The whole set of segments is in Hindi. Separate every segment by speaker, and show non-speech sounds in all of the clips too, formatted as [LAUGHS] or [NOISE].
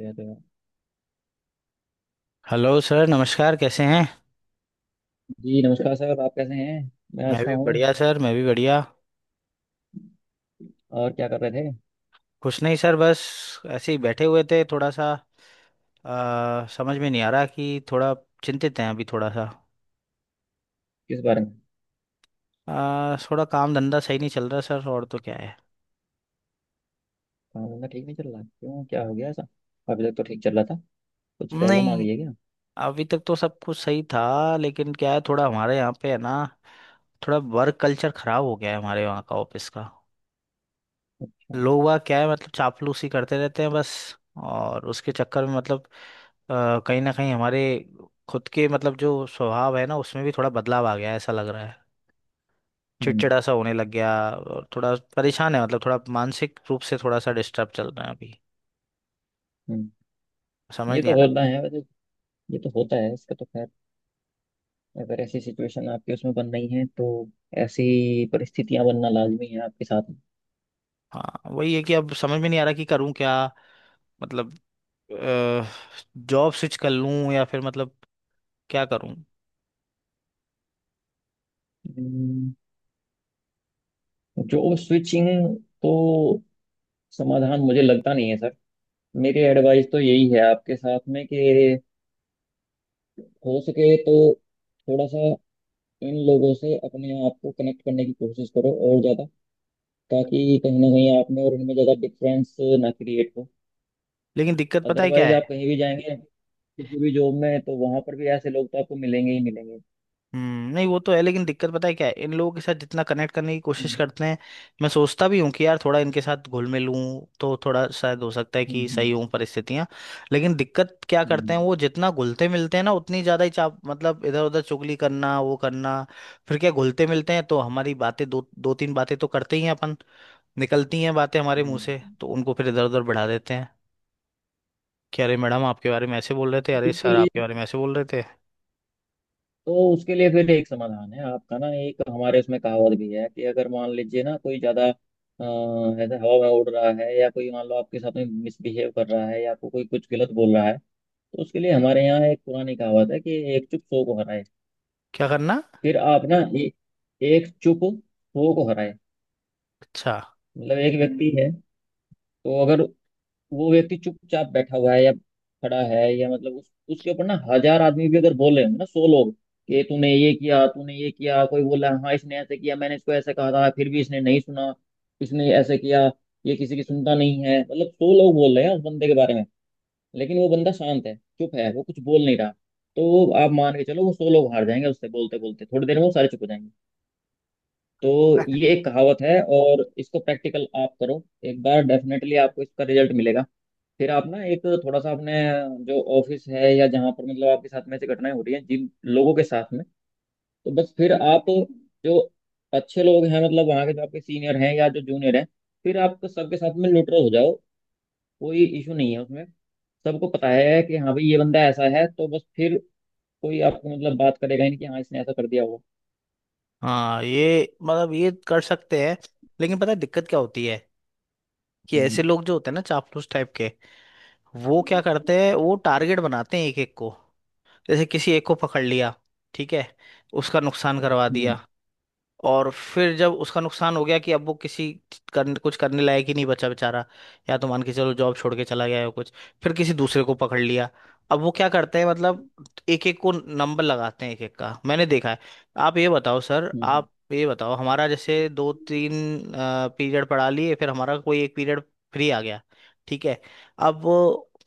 Speaker 1: या तो
Speaker 2: हेलो सर, नमस्कार, कैसे हैं।
Speaker 1: जी नमस्कार सर। आप कैसे हैं। मैं
Speaker 2: मैं
Speaker 1: अच्छा
Speaker 2: भी
Speaker 1: हूँ।
Speaker 2: बढ़िया सर, मैं भी बढ़िया।
Speaker 1: और क्या कर रहे थे।
Speaker 2: कुछ नहीं सर, बस ऐसे ही बैठे हुए थे थोड़ा सा। समझ में नहीं आ रहा कि थोड़ा चिंतित हैं अभी थोड़ा सा।
Speaker 1: किस बारे में।
Speaker 2: थोड़ा काम धंधा सही नहीं चल रहा सर, और तो क्या है।
Speaker 1: काम धंधा ठीक नहीं चल रहा क्यों, क्या हो गया ऐसा। अभी तक तो ठीक चल रहा था। कुछ प्रॉब्लम आ
Speaker 2: नहीं,
Speaker 1: गई है क्या।
Speaker 2: अभी तक तो सब कुछ सही था, लेकिन क्या है, थोड़ा हमारे यहाँ पे है ना, थोड़ा वर्क कल्चर खराब हो गया है हमारे वहाँ का, ऑफिस का।
Speaker 1: अच्छा।
Speaker 2: लोग वह क्या है, मतलब चापलूसी करते रहते हैं बस, और उसके चक्कर में मतलब कहीं ना कहीं हमारे खुद के मतलब जो स्वभाव है ना, उसमें भी थोड़ा बदलाव आ गया है ऐसा लग रहा है।
Speaker 1: हम्म।
Speaker 2: चिड़चिड़ा सा होने लग गया, और थोड़ा परेशान है, मतलब थोड़ा मानसिक रूप से थोड़ा सा डिस्टर्ब चल रहा है अभी।
Speaker 1: हम्म।
Speaker 2: समझ
Speaker 1: ये
Speaker 2: नहीं आ
Speaker 1: तो होता
Speaker 2: रहा।
Speaker 1: है वैसे। ये तो होता है, इसका तो खैर, अगर ऐसी सिचुएशन आपके उसमें बन रही है तो ऐसी परिस्थितियां बनना लाजमी है आपके साथ।
Speaker 2: हाँ वही है कि अब समझ में नहीं आ रहा कि करूँ क्या। मतलब जॉब स्विच कर लूँ या फिर मतलब क्या करूँ।
Speaker 1: जॉब स्विचिंग तो समाधान मुझे लगता नहीं है सर। मेरी एडवाइस तो यही है आपके साथ में कि हो सके तो थोड़ा सा इन लोगों से अपने आप को कनेक्ट करने की कोशिश करो और ज्यादा, ताकि कहीं ना कहीं आप में और इनमें ज्यादा डिफरेंस ना क्रिएट हो।
Speaker 2: लेकिन दिक्कत पता है क्या
Speaker 1: अदरवाइज आप
Speaker 2: है।
Speaker 1: कहीं भी जाएंगे किसी भी जॉब में तो वहां पर भी ऐसे लोग तो आपको मिलेंगे ही मिलेंगे।
Speaker 2: हम्म, नहीं वो तो है, लेकिन दिक्कत पता है क्या है, इन लोगों के साथ जितना कनेक्ट करने की कोशिश
Speaker 1: हम्म।
Speaker 2: करते हैं, मैं सोचता भी हूँ कि यार थोड़ा इनके साथ घुल मिल लूँ तो थोड़ा शायद हो सकता है कि
Speaker 1: हम्म।
Speaker 2: सही हूँ परिस्थितियाँ। लेकिन दिक्कत क्या करते
Speaker 1: हम्म।
Speaker 2: हैं, वो जितना घुलते मिलते हैं ना उतनी ज़्यादा ही चाप, मतलब इधर उधर चुगली करना वो करना। फिर क्या, घुलते मिलते हैं तो हमारी बातें दो दो तीन बातें तो करते ही हैं अपन, निकलती हैं बातें हमारे
Speaker 1: हम्म,
Speaker 2: मुंह से,
Speaker 1: हम्म।
Speaker 2: तो उनको फिर इधर उधर बढ़ा देते हैं कि अरे मैडम आपके बारे में ऐसे बोल रहे थे,
Speaker 1: तो
Speaker 2: अरे
Speaker 1: उसके
Speaker 2: सर आपके
Speaker 1: लिए
Speaker 2: बारे में ऐसे बोल रहे थे।
Speaker 1: तो उसके लिए फिर एक समाधान है आपका ना। एक हमारे उसमें कहावत भी है कि अगर मान लीजिए ना कोई ज्यादा ऐसे हवा में उड़ रहा है या कोई मान लो आपके साथ में मिसबिहेव कर रहा है या आपको कोई कुछ गलत बोल रहा है, तो उसके लिए हमारे यहाँ एक पुरानी कहावत है कि एक चुप सौ को हराए।
Speaker 2: क्या करना।
Speaker 1: फिर आप ना एक चुप सौ को हराए।
Speaker 2: अच्छा।
Speaker 1: मतलब एक व्यक्ति है, तो अगर वो व्यक्ति चुपचाप बैठा हुआ है या खड़ा है या मतलब उसके ऊपर ना हजार आदमी भी अगर बोल रहे हो ना, सौ लोग कि तूने ये किया, तूने ये किया, कोई बोला हाँ इसने ऐसे किया, मैंने इसको ऐसे कहा था फिर भी इसने नहीं सुना, इसने ऐसे किया, ये किसी की सुनता नहीं है, मतलब सौ लोग बोल रहे हैं उस बंदे के बारे में, लेकिन वो बंदा शांत है, चुप है, वो कुछ बोल नहीं रहा, तो आप मान के चलो वो सौ लोग हार जाएंगे। उससे बोलते बोलते थोड़ी देर में वो सारे चुप हो जाएंगे। तो ये एक कहावत है, और इसको प्रैक्टिकल आप करो, एक बार डेफिनेटली आपको इसका रिजल्ट मिलेगा। फिर आप ना एक थोड़ा सा अपने जो ऑफिस है या जहाँ पर मतलब आपके साथ में ऐसी घटनाएं हो रही हैं जिन लोगों के साथ में, तो बस फिर आप जो अच्छे लोग हैं मतलब वहाँ के, जो आपके सीनियर हैं या जो जूनियर हैं, फिर आप सबके साथ में न्यूट्रल हो जाओ। कोई इशू नहीं है उसमें। सबको पता है कि हाँ भाई ये बंदा ऐसा है, तो बस फिर कोई आपको मतलब बात करेगा ही नहीं कि हाँ इसने ऐसा कर दिया होगा।
Speaker 2: हाँ ये मतलब ये कर सकते हैं, लेकिन पता है दिक्कत क्या होती है, कि
Speaker 1: हम्म।
Speaker 2: ऐसे लोग जो होते हैं ना चापलूस टाइप के, वो क्या करते हैं, वो टारगेट बनाते हैं एक एक को। जैसे किसी एक को पकड़ लिया, ठीक है, उसका नुकसान करवा
Speaker 1: हम्म।
Speaker 2: दिया। और फिर जब उसका नुकसान हो गया कि अब वो किसी करने, कुछ करने लायक ही नहीं बचा बेचारा, या तो मान के चलो जॉब छोड़ के चला गया या कुछ, फिर किसी दूसरे को पकड़ लिया। अब वो क्या करते हैं मतलब, एक एक को नंबर लगाते हैं एक एक का, मैंने देखा है। आप ये बताओ सर,
Speaker 1: हम्म।
Speaker 2: आप ये बताओ, हमारा जैसे दो तीन पीरियड पढ़ा लिए, फिर हमारा कोई एक पीरियड फ्री आ गया, ठीक है, अब वो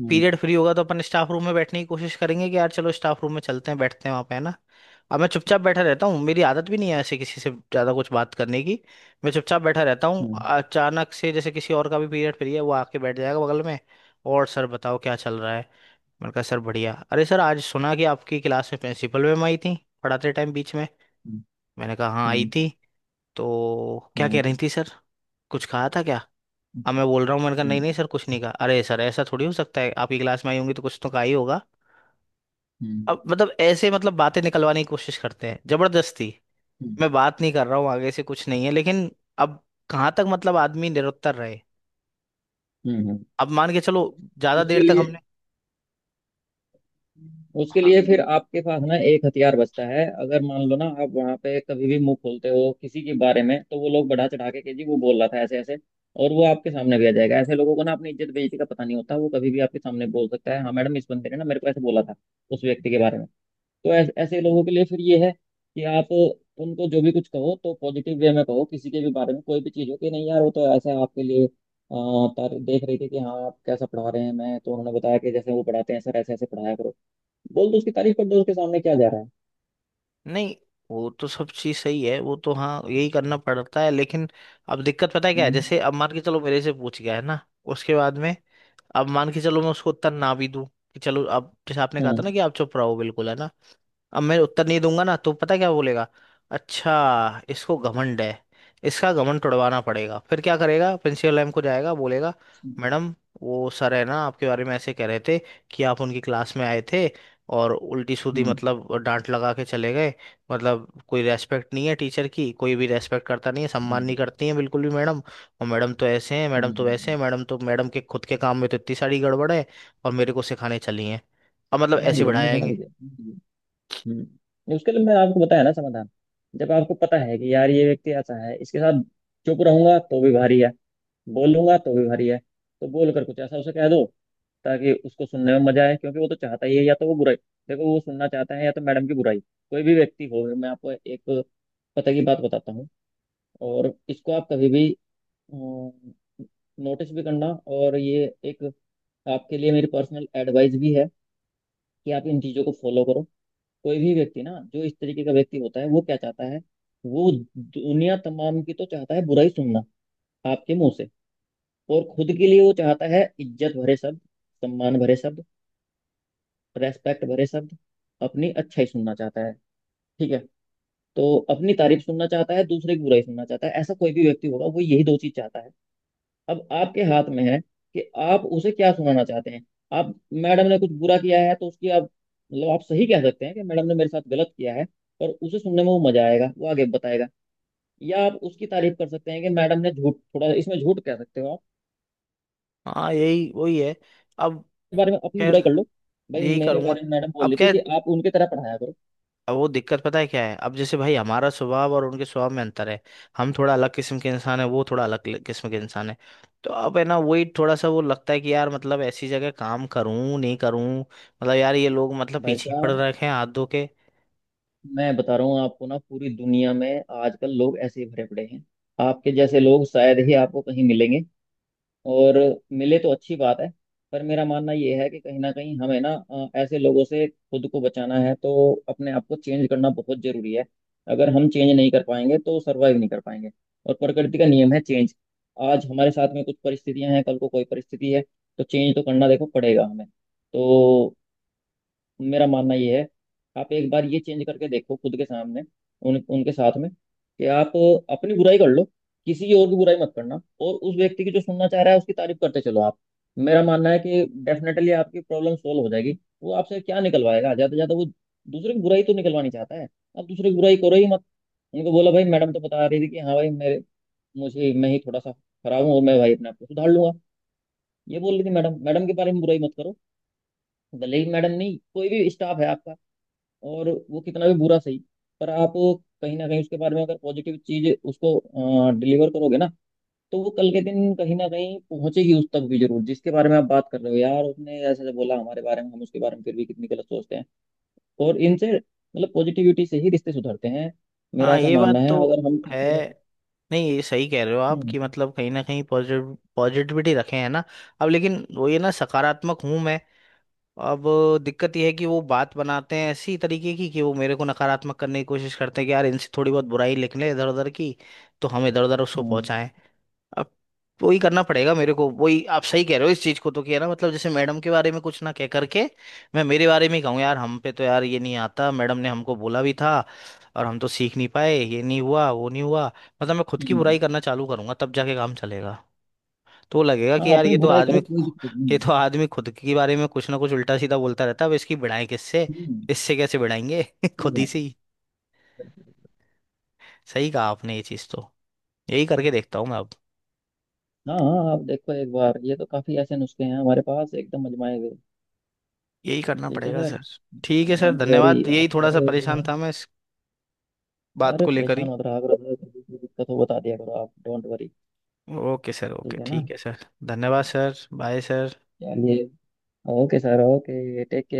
Speaker 1: हम्म।
Speaker 2: पीरियड फ्री होगा तो अपन स्टाफ रूम में बैठने की कोशिश करेंगे कि यार चलो स्टाफ रूम में चलते हैं, बैठते हैं वहाँ पे है ना। अब मैं चुपचाप बैठा रहता हूँ, मेरी आदत भी नहीं है ऐसे किसी से ज़्यादा कुछ बात करने की, मैं चुपचाप बैठा रहता हूँ।
Speaker 1: हम्म।
Speaker 2: अचानक से जैसे किसी और का भी पीरियड फ्री है, वो आके बैठ जाएगा बगल में। और सर बताओ क्या चल रहा है। मैंने कहा सर बढ़िया। अरे सर आज सुना कि आपकी क्लास में प्रिंसिपल मैम आई थी, पढ़ाते टाइम बीच में।
Speaker 1: हम्म।
Speaker 2: मैंने कहा हाँ आई
Speaker 1: हम्म,
Speaker 2: थी। तो क्या कह
Speaker 1: हम्म,
Speaker 2: रही थी सर, कुछ कहा था क्या। अब
Speaker 1: अच्छा,
Speaker 2: मैं बोल रहा हूँ, मैंने कहा नहीं नहीं
Speaker 1: अच्छा।
Speaker 2: सर कुछ नहीं कहा। अरे सर ऐसा थोड़ी हो सकता है, आपकी क्लास में आई होंगी तो कुछ तो कहा ही होगा।
Speaker 1: हम्म,
Speaker 2: अब मतलब ऐसे मतलब बातें निकलवाने की कोशिश करते हैं जबरदस्ती।
Speaker 1: हम्म,
Speaker 2: मैं बात नहीं कर रहा हूँ, आगे से कुछ नहीं है लेकिन, अब कहाँ तक मतलब आदमी निरुत्तर रहे।
Speaker 1: हम्म, हम्म।
Speaker 2: अब मान के चलो ज्यादा देर
Speaker 1: उसके
Speaker 2: तक
Speaker 1: लिए
Speaker 2: हमने।
Speaker 1: उसके
Speaker 2: हाँ,
Speaker 1: लिए फिर आपके पास ना एक हथियार बचता है। अगर मान लो ना आप वहां पे कभी भी मुंह खोलते हो किसी के बारे में, तो वो लोग बढ़ा चढ़ा के कि जी वो बोल रहा था ऐसे ऐसे, और वो आपके सामने भी आ जाएगा। ऐसे लोगों को ना अपनी इज्जत बेइज्जती का पता नहीं होता, वो कभी भी आपके सामने बोल सकता है, हाँ मैडम इस बंदे ने ना मेरे को ऐसे बोला था उस व्यक्ति के बारे में। तो ऐसे ऐसे लोगों के लिए फिर ये है कि आप उनको जो भी कुछ कहो तो पॉजिटिव वे में कहो, किसी के भी बारे में कोई भी चीज़ हो कि नहीं यार वो तो ऐसा आपके लिए देख रही थी कि हाँ आप कैसा पढ़ा रहे हैं, मैं तो, उन्होंने बताया कि जैसे वो पढ़ाते हैं सर, ऐसे ऐसे पढ़ाया करो। बोल दो, उसकी तारीफ कर दो उसके सामने, क्या जा रहा है।
Speaker 2: नहीं वो तो सब चीज सही है, वो तो हाँ यही करना पड़ता है, लेकिन अब दिक्कत पता है क्या है,
Speaker 1: हम्म,
Speaker 2: जैसे अब मान के चलो मेरे से पूछ गया है ना, उसके बाद में, अब मान के चलो मैं उसको उत्तर ना भी दूं, कि चलो अब जैसे आपने कहा था
Speaker 1: हम्म,
Speaker 2: ना कि आप चुप रहो बिल्कुल है ना, अब मैं उत्तर नहीं दूंगा ना तो पता क्या बोलेगा, अच्छा इसको घमंड है, इसका घमंड तुड़वाना पड़ेगा, फिर क्या करेगा प्रिंसिपल मैम को जाएगा बोलेगा, मैडम वो सर है ना, आपके बारे में ऐसे कह रहे थे, कि आप उनकी क्लास में आए थे और उल्टी सीधी
Speaker 1: हम्म,
Speaker 2: मतलब डांट लगा के चले गए, मतलब कोई रेस्पेक्ट नहीं है टीचर की, कोई भी रेस्पेक्ट करता नहीं है, सम्मान नहीं
Speaker 1: हम्म,
Speaker 2: करती है बिल्कुल भी मैडम, और मैडम तो ऐसे हैं मैडम तो वैसे
Speaker 1: हम्म,
Speaker 2: हैं, मैडम तो मैडम के खुद के काम में तो इतनी सारी गड़बड़ है और मेरे को सिखाने चली हैं। अब मतलब
Speaker 1: समझ
Speaker 2: ऐसे
Speaker 1: गया, मैं समझ
Speaker 2: बढ़ाएंगे।
Speaker 1: गया। हम्म। नहीं, उसके लिए मैं आपको बताया ना समाधान। जब आपको पता है कि यार ये व्यक्ति ऐसा है, इसके साथ चुप रहूंगा तो भी भारी है, बोलूंगा तो भी भारी है। तो बोल कर कुछ ऐसा उसे कह दो ताकि उसको सुनने में मजा आए, क्योंकि वो तो चाहता ही है, या तो वो बुराई, देखो वो सुनना चाहता है या तो मैडम की बुराई। कोई भी व्यक्ति हो, मैं आपको एक पता की बात बताता हूँ, और इसको आप कभी भी नोटिस भी करना। और ये एक आपके लिए मेरी पर्सनल एडवाइस भी है कि आप इन चीज़ों को फॉलो करो। कोई भी व्यक्ति ना जो इस तरीके का व्यक्ति होता है वो क्या चाहता है, वो दुनिया तमाम की तो चाहता है बुराई सुनना आपके मुंह से, और खुद के लिए वो चाहता है इज्जत भरे शब्द, सम्मान भरे शब्द, रेस्पेक्ट भरे शब्द, अपनी अच्छाई सुनना चाहता है। ठीक है। तो अपनी तारीफ सुनना चाहता है, दूसरे की बुराई सुनना चाहता है। ऐसा कोई भी व्यक्ति होगा वो यही दो चीज चाहता है। अब आपके हाथ में है कि आप उसे क्या सुनाना चाहते हैं। आप मैडम ने कुछ बुरा किया है तो उसकी आप मतलब आप सही कह सकते हैं कि मैडम ने मेरे साथ गलत किया है, पर उसे सुनने में वो मजा आएगा, वो आगे बताएगा। या आप उसकी तारीफ कर सकते हैं कि मैडम ने, झूठ थोड़ा इसमें झूठ कह सकते हो आप।
Speaker 2: हाँ यही वही है। अब
Speaker 1: इस बारे में अपनी बुराई
Speaker 2: खैर,
Speaker 1: कर लो भाई,
Speaker 2: यही
Speaker 1: मेरे
Speaker 2: करूंगा।
Speaker 1: बारे में मैडम बोल
Speaker 2: अब
Speaker 1: रही थी
Speaker 2: क्या,
Speaker 1: कि आप उनकी तरह पढ़ाया करो।
Speaker 2: अब वो दिक्कत पता है क्या है, अब जैसे भाई हमारा स्वभाव और उनके स्वभाव में अंतर है, हम थोड़ा अलग किस्म के इंसान है, वो थोड़ा अलग किस्म के इंसान है। तो अब है ना, वही थोड़ा सा वो लगता है कि यार मतलब ऐसी जगह काम करूं नहीं करूं, मतलब यार ये लोग मतलब
Speaker 1: भाई
Speaker 2: पीछे पड़
Speaker 1: साहब,
Speaker 2: रखे हैं हाथ धो के।
Speaker 1: मैं बता रहा हूँ आपको ना, पूरी दुनिया में आजकल लोग ऐसे ही भरे पड़े हैं। आपके जैसे लोग शायद ही आपको कहीं मिलेंगे, और मिले तो अच्छी बात है। पर मेरा मानना ये है कि कहीं ना कहीं हमें ना ऐसे लोगों से खुद को बचाना है तो अपने आप को चेंज करना बहुत जरूरी है। अगर हम चेंज नहीं कर पाएंगे तो सर्वाइव नहीं कर पाएंगे। और प्रकृति का नियम है चेंज। आज हमारे साथ में कुछ परिस्थितियां हैं, कल को कोई परिस्थिति है, तो चेंज तो करना देखो पड़ेगा हमें तो। मेरा मानना ये है, आप एक बार ये चेंज करके देखो खुद के सामने उन, उनके साथ में कि आप अपनी बुराई कर लो, किसी और की बुराई मत करना, और उस व्यक्ति की जो सुनना चाह रहा है उसकी तारीफ करते चलो आप। मेरा मानना है कि डेफिनेटली आपकी प्रॉब्लम सोल्व हो जाएगी। वो आपसे क्या निकलवाएगा, ज्यादा से ज्यादा वो दूसरे की बुराई तो निकलवानी चाहता है, आप दूसरे की बुराई करो ही मत। उनको बोला भाई मैडम तो बता रही थी कि हाँ भाई मेरे, मुझे, मैं ही थोड़ा सा खराब हूँ और मैं भाई अपने आप को सुधार लूंगा, ये बोल रही थी मैडम। मैडम के बारे में बुराई मत करो। भले ही मैडम नहीं कोई भी स्टाफ है आपका, और वो कितना भी बुरा सही, पर आप कहीं ना कहीं उसके बारे में अगर पॉजिटिव चीज उसको डिलीवर करोगे ना, तो वो कल के दिन कहीं ना कहीं पहुंचेगी उस तक भी जरूर, जिसके बारे में आप बात कर रहे हो, यार उसने ऐसे बोला हमारे बारे में, हम उसके बारे में फिर भी कितनी गलत सोचते हैं। और इनसे, मतलब पॉजिटिविटी से ही रिश्ते सुधरते हैं, मेरा
Speaker 2: हाँ
Speaker 1: ऐसा
Speaker 2: ये
Speaker 1: मानना
Speaker 2: बात
Speaker 1: है,
Speaker 2: तो
Speaker 1: अगर हम
Speaker 2: है।
Speaker 1: किसी में।
Speaker 2: नहीं ये सही कह रहे हो आप,
Speaker 1: हम्म।
Speaker 2: कि मतलब कहीं ना कहीं पॉजिटिव पॉजिटिविटी रखे हैं ना, अब लेकिन वो ये ना, सकारात्मक हूं मैं। अब दिक्कत यह है कि वो बात बनाते हैं ऐसी तरीके की कि वो मेरे को नकारात्मक करने की कोशिश करते हैं, कि यार इनसे थोड़ी बहुत बुराई लिख लें इधर उधर की, तो हम इधर उधर उसको
Speaker 1: हम्म।
Speaker 2: पहुंचाएं। अब वही करना पड़ेगा मेरे को, वही आप सही कह रहे हो इस चीज को तो, कि है ना मतलब जैसे मैडम के बारे में कुछ ना कह करके मैं मेरे बारे में ही कहूँ, यार हम पे तो यार ये नहीं आता, मैडम ने हमको बोला भी था और हम तो सीख नहीं पाए, ये नहीं हुआ वो नहीं हुआ। मतलब मैं खुद की बुराई
Speaker 1: हम्म।
Speaker 2: करना चालू करूंगा तब जाके काम चलेगा। तो लगेगा
Speaker 1: हाँ,
Speaker 2: कि यार ये
Speaker 1: अपनी
Speaker 2: तो
Speaker 1: बुराई करो,
Speaker 2: आदमी,
Speaker 1: कोई दिक्कत
Speaker 2: ये
Speaker 1: नहीं।
Speaker 2: तो आदमी खुद के बारे में कुछ ना कुछ उल्टा सीधा बोलता रहता है, अब इसकी भिड़ाएं किससे,
Speaker 1: हम्म।
Speaker 2: इससे कैसे भिड़ाएंगे [LAUGHS]
Speaker 1: सही
Speaker 2: खुद ही
Speaker 1: बात
Speaker 2: से ही।
Speaker 1: है।
Speaker 2: सही कहा आपने, ये चीज़ तो यही करके देखता हूँ मैं अब।
Speaker 1: हाँ हाँ, आप देखो एक बार, ये तो काफी ऐसे नुस्खे हैं हमारे पास एकदम अजमाए हुए।
Speaker 2: यही करना
Speaker 1: ठीक है
Speaker 2: पड़ेगा
Speaker 1: सर।
Speaker 2: सर। ठीक है सर,
Speaker 1: डोंट वरी,
Speaker 2: धन्यवाद,
Speaker 1: आप
Speaker 2: यही थोड़ा सा
Speaker 1: करो एक
Speaker 2: परेशान
Speaker 1: बार।
Speaker 2: था मैं इस बात
Speaker 1: अरे
Speaker 2: को लेकर ही।
Speaker 1: परेशान मत रहा करो सर, कभी कोई दिक्कत हो बता दिया करो आप, don't worry.
Speaker 2: Okay sir, okay,
Speaker 1: ठीक है ना।
Speaker 2: ठीक है सर, धन्यवाद सर, बाय सर।
Speaker 1: चलिए। Okay sir, okay, take care.